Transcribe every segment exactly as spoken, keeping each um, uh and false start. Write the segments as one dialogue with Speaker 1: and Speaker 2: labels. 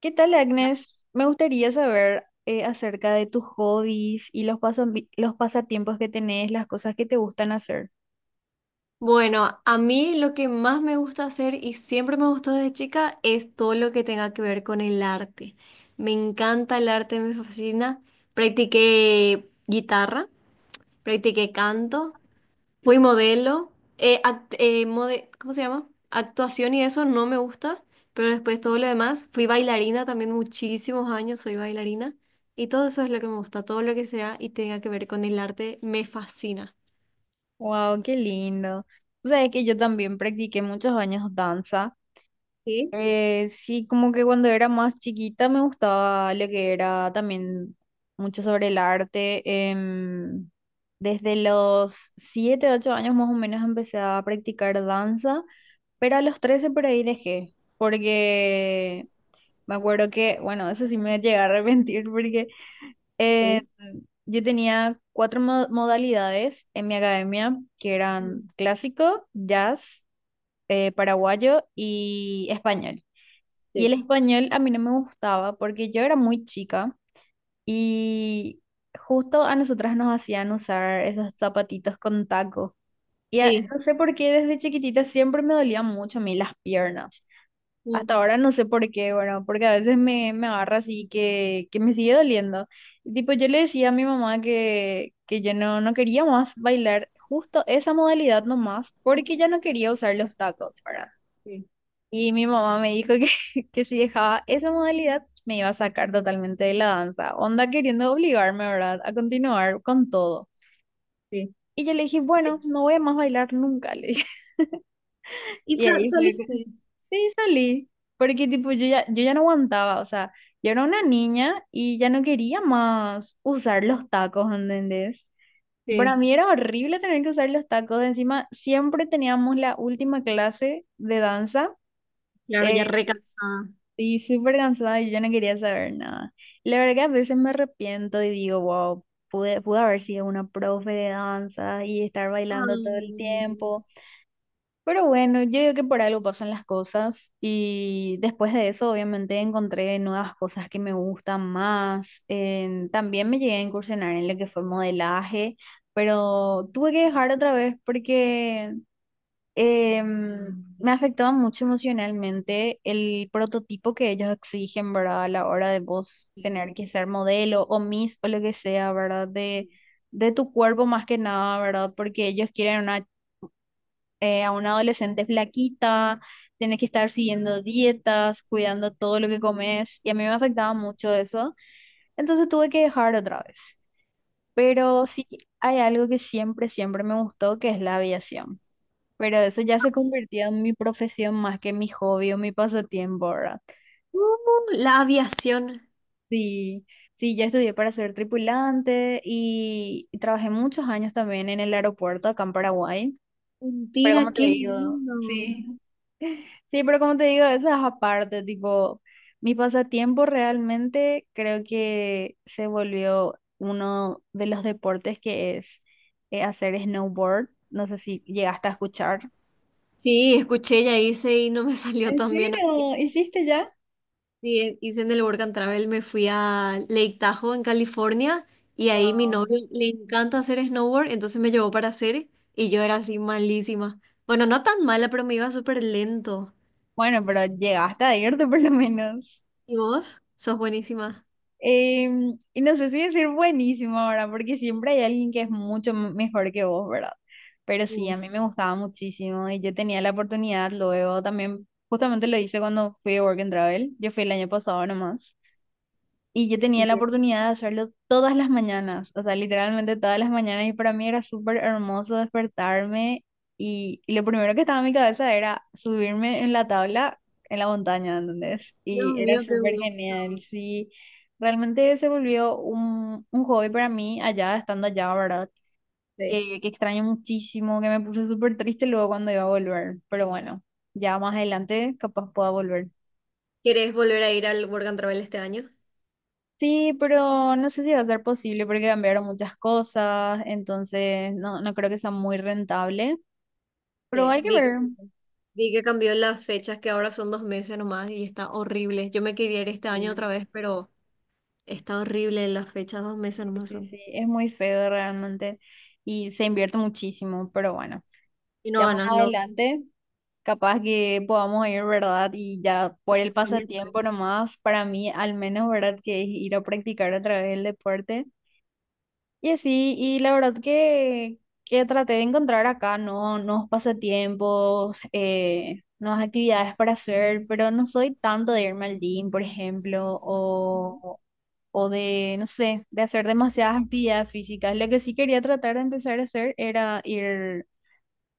Speaker 1: ¿Qué tal, Agnes? Me gustaría saber eh, acerca de tus hobbies y los pasos los pasatiempos que tenés, las cosas que te gustan hacer.
Speaker 2: Bueno, a mí lo que más me gusta hacer y siempre me gustó desde chica es todo lo que tenga que ver con el arte. Me encanta el arte, me fascina. Practiqué guitarra, practiqué canto, fui modelo, eh, act- eh, mode- ¿cómo se llama? Actuación y eso no me gusta, pero después todo lo demás. Fui bailarina también muchísimos años, soy bailarina y todo eso es lo que me gusta, todo lo que sea y tenga que ver con el arte me fascina.
Speaker 1: Wow, qué lindo. Tú sabes que yo también practiqué muchos años danza.
Speaker 2: Sí,
Speaker 1: Eh, sí, como que cuando era más chiquita me gustaba lo que era también mucho sobre el arte. Em, Desde los siete, ocho años más o menos empecé a practicar danza, pero a los trece por ahí dejé, porque me acuerdo que, bueno, eso sí me llegué a arrepentir porque eh,
Speaker 2: sí,
Speaker 1: yo tenía cuatro mo- modalidades en mi academia, que eran clásico, jazz, eh, paraguayo y español. Y el español a mí no me gustaba porque yo era muy chica y justo a nosotras nos hacían usar esos zapatitos con taco. Y a-
Speaker 2: sí,
Speaker 1: no sé por qué desde chiquitita siempre me dolían mucho a mí las piernas.
Speaker 2: sí.
Speaker 1: Hasta ahora no sé por qué, bueno, porque a veces me, me agarra así que, que me sigue doliendo. Y tipo, yo le decía a mi mamá que, que yo no, no quería más bailar justo esa modalidad nomás, porque ya no quería usar los tacos, ¿verdad?
Speaker 2: Sí,
Speaker 1: Y mi mamá me dijo que, que si dejaba esa modalidad, me iba a sacar totalmente de la danza. Onda queriendo obligarme, ¿verdad?, a continuar con todo.
Speaker 2: sí.
Speaker 1: Y yo le dije, bueno, no voy a más bailar nunca, le dije.
Speaker 2: ¿Y
Speaker 1: Y
Speaker 2: sa-
Speaker 1: ahí fue.
Speaker 2: saliste?
Speaker 1: Sí, salí, porque tipo yo ya, yo ya no aguantaba, o sea, yo era una niña y ya no quería más usar los tacos, ¿entendés? Para
Speaker 2: Sí,
Speaker 1: mí era horrible tener que usar los tacos, encima siempre teníamos la última clase de danza
Speaker 2: claro, ya
Speaker 1: eh,
Speaker 2: recansada.
Speaker 1: y súper cansada y yo ya no quería saber nada. La verdad que a veces me arrepiento y digo, wow, pude, pude haber sido una profe de danza y estar bailando todo el
Speaker 2: Ah.
Speaker 1: tiempo. Pero bueno, yo digo que por algo pasan las cosas y después de eso obviamente encontré nuevas cosas que me gustan más. En- también me llegué a incursionar en lo que fue modelaje, pero tuve que dejar otra vez porque em, me afectaba mucho emocionalmente el prototipo que ellos exigen, ¿verdad? A la hora de vos
Speaker 2: Sí,
Speaker 1: tener que ser modelo o miss o lo que sea, ¿verdad?
Speaker 2: sí.
Speaker 1: De, de tu cuerpo más que nada, ¿verdad? Porque ellos quieren una eh, a una adolescente flaquita, tienes que estar siguiendo dietas, cuidando todo lo que comes, y a mí me afectaba mucho eso, entonces tuve que dejar otra vez. Pero sí, hay algo que siempre, siempre me gustó, que es la aviación. Pero eso ya se convirtió en mi profesión más que mi hobby o mi pasatiempo, ¿verdad?
Speaker 2: Uh, la aviación.
Speaker 1: Sí, sí, yo estudié para ser tripulante y, y trabajé muchos años también en el aeropuerto acá en Paraguay. Pero como
Speaker 2: Mentira,
Speaker 1: te
Speaker 2: qué
Speaker 1: digo,
Speaker 2: lindo.
Speaker 1: sí. Sí, pero como te digo, eso es aparte, tipo, mi pasatiempo realmente creo que se volvió uno de los deportes que es eh, hacer snowboard. No sé si llegaste a escuchar.
Speaker 2: Sí, escuché, ya hice y no me salió
Speaker 1: ¿En
Speaker 2: tan bien a mí.
Speaker 1: serio? ¿Hiciste ya?
Speaker 2: Sí, eh, hice en el Work and Travel, me fui a Lake Tahoe en California y ahí mi
Speaker 1: Wow.
Speaker 2: novio le encanta hacer snowboard, entonces me llevó para hacer y yo era así malísima. Bueno, no tan mala, pero me iba súper lento.
Speaker 1: Bueno, pero llegaste a irte por lo menos.
Speaker 2: ¿Y vos? Sos buenísima.
Speaker 1: Em, y no sé si decir buenísimo ahora, porque siempre hay alguien que es mucho m- mejor que vos, ¿verdad? Pero sí, a
Speaker 2: Mm.
Speaker 1: mí me gustaba muchísimo y yo tenía la oportunidad luego también, justamente lo hice cuando fui a Work and Travel, yo fui el año pasado nomás, y yo tenía la oportunidad de hacerlo todas las mañanas, o sea, literalmente todas las mañanas. Y para mí era súper hermoso despertarme. Y, y lo primero que estaba en mi cabeza era subirme en la tabla en la montaña, ¿entendés?
Speaker 2: Dios
Speaker 1: Y era
Speaker 2: mío, qué
Speaker 1: súper
Speaker 2: gusto.
Speaker 1: genial. Sí, realmente se volvió un, un hobby para mí allá, estando allá, ¿verdad?
Speaker 2: Sí.
Speaker 1: Que, que extraño muchísimo, que me puse súper triste luego cuando iba a volver. Pero bueno, ya más adelante capaz pueda volver.
Speaker 2: ¿Querés volver a ir al Work and Travel este año?
Speaker 1: Sí, pero no sé si va a ser posible porque cambiaron muchas cosas, entonces no, no creo que sea muy rentable, pero
Speaker 2: Sí.
Speaker 1: hay que
Speaker 2: Vi que,
Speaker 1: ver.
Speaker 2: vi que cambió las fechas, que ahora son dos meses nomás y está horrible. Yo me quería ir este año
Speaker 1: Mm.
Speaker 2: otra vez, pero está horrible las fechas, dos meses
Speaker 1: Sí,
Speaker 2: nomás
Speaker 1: sí,
Speaker 2: son.
Speaker 1: sí, es muy feo realmente y se invierte muchísimo, pero bueno,
Speaker 2: Y no
Speaker 1: ya más
Speaker 2: ganas lo.
Speaker 1: adelante capaz que podamos ir, ¿verdad? Y ya por el
Speaker 2: Cambia
Speaker 1: pasatiempo
Speaker 2: todo.
Speaker 1: nomás, para mí al menos, ¿verdad? Que es ir a practicar otra vez el deporte. Y así, y la verdad que, que traté de encontrar acá, ¿no? Nuevos pasatiempos, eh, nuevas actividades para hacer, pero no soy tanto de irme al gym, por ejemplo,
Speaker 2: Ujú.
Speaker 1: o, o de, no sé, de hacer demasiadas actividades físicas. Lo que sí quería tratar de empezar a hacer era ir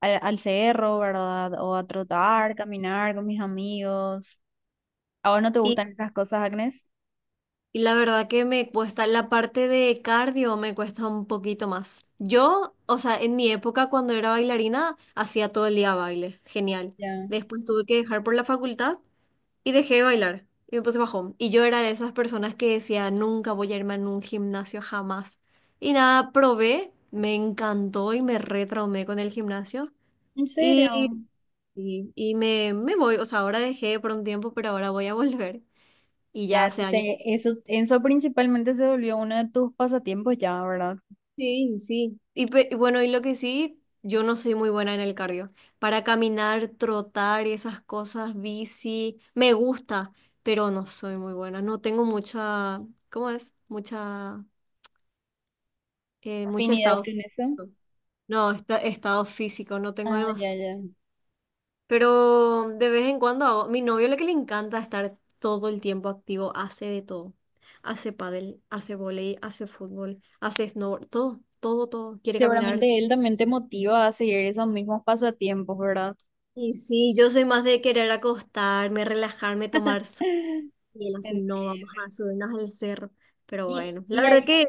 Speaker 1: al, al cerro, ¿verdad? O a
Speaker 2: Sí.
Speaker 1: trotar, caminar con mis amigos. ¿A vos no te
Speaker 2: Y,
Speaker 1: gustan estas cosas, Agnes?
Speaker 2: y la verdad que me cuesta, la parte de cardio me cuesta un poquito más. Yo, o sea, en mi época cuando era bailarina, hacía todo el día baile, genial.
Speaker 1: Ya.
Speaker 2: Después tuve que dejar por la facultad y dejé de bailar y me puse bajón. Y yo era de esas personas que decía, nunca voy a irme a un gimnasio jamás. Y nada, probé, me encantó y me retraumé con el gimnasio.
Speaker 1: ¿En serio?
Speaker 2: Y, y, y me, me voy, o sea, ahora dejé por un tiempo, pero ahora voy a volver. Y ya
Speaker 1: Ya,
Speaker 2: hace
Speaker 1: entonces
Speaker 2: años.
Speaker 1: eso, eso principalmente se volvió uno de tus pasatiempos ya, ¿verdad?
Speaker 2: Sí, sí. Y, pe- y bueno, y lo que sí, yo no soy muy buena en el cardio. Para caminar, trotar y esas cosas, bici, me gusta, pero no soy muy buena. No tengo mucha, ¿cómo es? Mucha... Eh, mucho
Speaker 1: Afinidad
Speaker 2: estado
Speaker 1: con eso.
Speaker 2: físico. No, esta- estado físico, no tengo
Speaker 1: Ah, ya,
Speaker 2: demás.
Speaker 1: ya.
Speaker 2: Pero de vez en cuando hago. Mi novio lo que le encanta es estar todo el tiempo activo, hace de todo. Hace pádel, hace vóley, hace fútbol, hace snowboard, todo, todo, todo. Quiere caminar.
Speaker 1: Seguramente él también te motiva a seguir esos mismos pasatiempos, ¿verdad?
Speaker 2: Y sí, yo soy más de querer acostarme, relajarme, tomar sol, y él así no, vamos
Speaker 1: Entiendo.
Speaker 2: a subirnos al cerro. Pero
Speaker 1: Y,
Speaker 2: bueno, la
Speaker 1: y
Speaker 2: verdad
Speaker 1: ahí,
Speaker 2: que,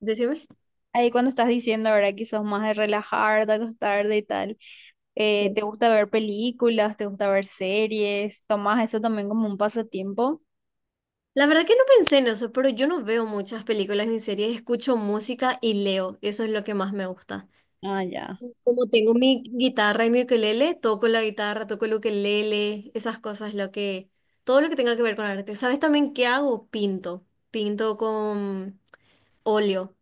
Speaker 2: decime.
Speaker 1: ahí cuando estás diciendo, ¿verdad? Que sos más de relajar, de acostarte y tal, eh, ¿te
Speaker 2: Sí.
Speaker 1: gusta ver películas? ¿Te gusta ver series? ¿Tomás eso también como un pasatiempo?
Speaker 2: La verdad que no pensé en eso, pero yo no veo muchas películas ni series, escucho música y leo, eso es lo que más me gusta.
Speaker 1: Ah, ya.
Speaker 2: Y como tengo mi guitarra y mi ukelele, toco la guitarra, toco el ukelele, esas cosas, lo que, todo lo que tenga que ver con arte. ¿Sabes también qué hago? Pinto, pinto con óleo,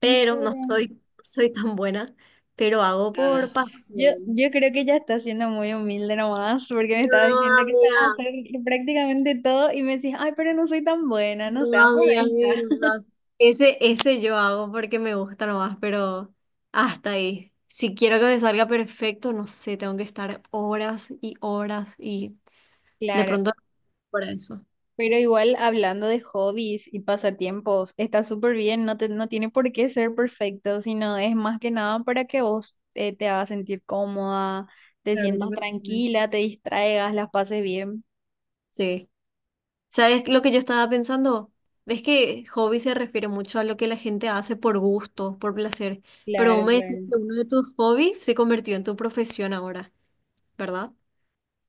Speaker 1: ¿En
Speaker 2: pero no
Speaker 1: serio?
Speaker 2: soy, no soy tan buena, pero hago
Speaker 1: Nada.
Speaker 2: por
Speaker 1: Yo,
Speaker 2: pasión.
Speaker 1: yo creo que ya está siendo muy humilde nomás, porque me
Speaker 2: No,
Speaker 1: estaba diciendo que estaba
Speaker 2: amiga.
Speaker 1: hacer prácticamente todo y me decís, ay, pero no soy tan buena,
Speaker 2: No,
Speaker 1: no seas
Speaker 2: amiga, de
Speaker 1: modesta.
Speaker 2: verdad. Ese, ese yo hago porque me gusta nomás, pero hasta ahí. Si quiero que me salga perfecto, no sé, tengo que estar horas y horas y de
Speaker 1: Claro,
Speaker 2: pronto para eso.
Speaker 1: pero igual hablando de hobbies y pasatiempos, está súper bien, no te, no tiene por qué ser perfecto, sino es más que nada para que vos eh, te hagas sentir cómoda, te
Speaker 2: Claro, no
Speaker 1: sientas
Speaker 2: pienso en eso.
Speaker 1: tranquila, te distraigas, las pases bien.
Speaker 2: Sí. ¿Sabes lo que yo estaba pensando? Ves que hobby se refiere mucho a lo que la gente hace por gusto, por placer, pero vos
Speaker 1: Claro,
Speaker 2: me decís
Speaker 1: claro.
Speaker 2: que uno de tus hobbies se convirtió en tu profesión ahora, ¿verdad?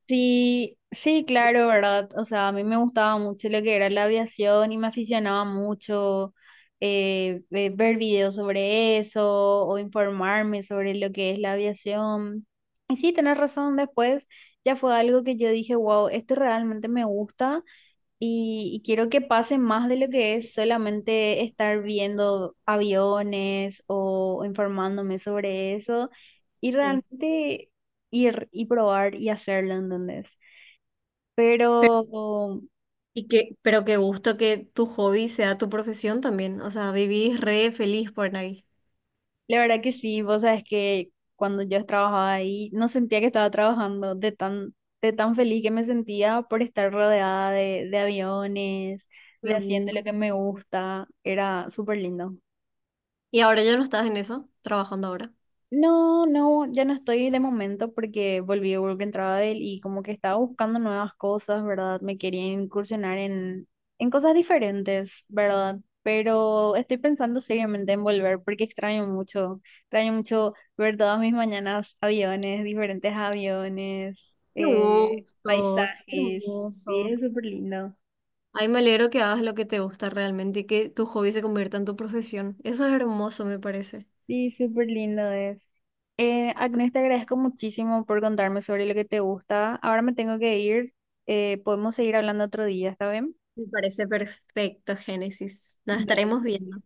Speaker 1: Sí, sí, claro, ¿verdad? O sea, a mí me gustaba mucho lo que era la aviación y me aficionaba mucho eh, ve- ver videos sobre eso o informarme sobre lo que es la aviación. Y sí, tenés razón, después ya fue algo que yo dije, wow, esto realmente me gusta y, y quiero que pase más de lo que es solamente estar viendo aviones o informándome sobre eso y
Speaker 2: Sí.
Speaker 1: realmente ir y probar y hacerlo, ¿entendés? Pero
Speaker 2: Y que, pero qué gusto que tu hobby sea tu profesión también. O sea, vivís re feliz por ahí.
Speaker 1: la verdad que sí, vos sabes que cuando yo trabajaba ahí no sentía que estaba trabajando de tan, de tan feliz que me sentía por estar rodeada de, de aviones, de
Speaker 2: Qué
Speaker 1: haciendo lo
Speaker 2: gusto.
Speaker 1: que me gusta, era súper lindo.
Speaker 2: Y ahora ya no estás en eso, trabajando ahora.
Speaker 1: No, no, ya no estoy de momento porque volví a Work and Travel y como que estaba buscando nuevas cosas, ¿verdad? Me quería incursionar en, en cosas diferentes, ¿verdad? Pero estoy pensando seriamente en volver porque extraño mucho, extraño mucho ver todas mis mañanas aviones, diferentes aviones,
Speaker 2: Qué
Speaker 1: eh,
Speaker 2: gusto, qué
Speaker 1: paisajes, y
Speaker 2: hermoso.
Speaker 1: es súper lindo.
Speaker 2: Ay, me alegro que hagas lo que te gusta realmente y que tu hobby se convierta en tu profesión. Eso es hermoso, me parece.
Speaker 1: Sí, súper lindo es. Eh, Agnes, te agradezco muchísimo por contarme sobre lo que te gusta. Ahora me tengo que ir. Eh, podemos seguir hablando otro día, ¿está bien?
Speaker 2: Me parece perfecto, Génesis. Nos
Speaker 1: Dale.
Speaker 2: estaremos viendo.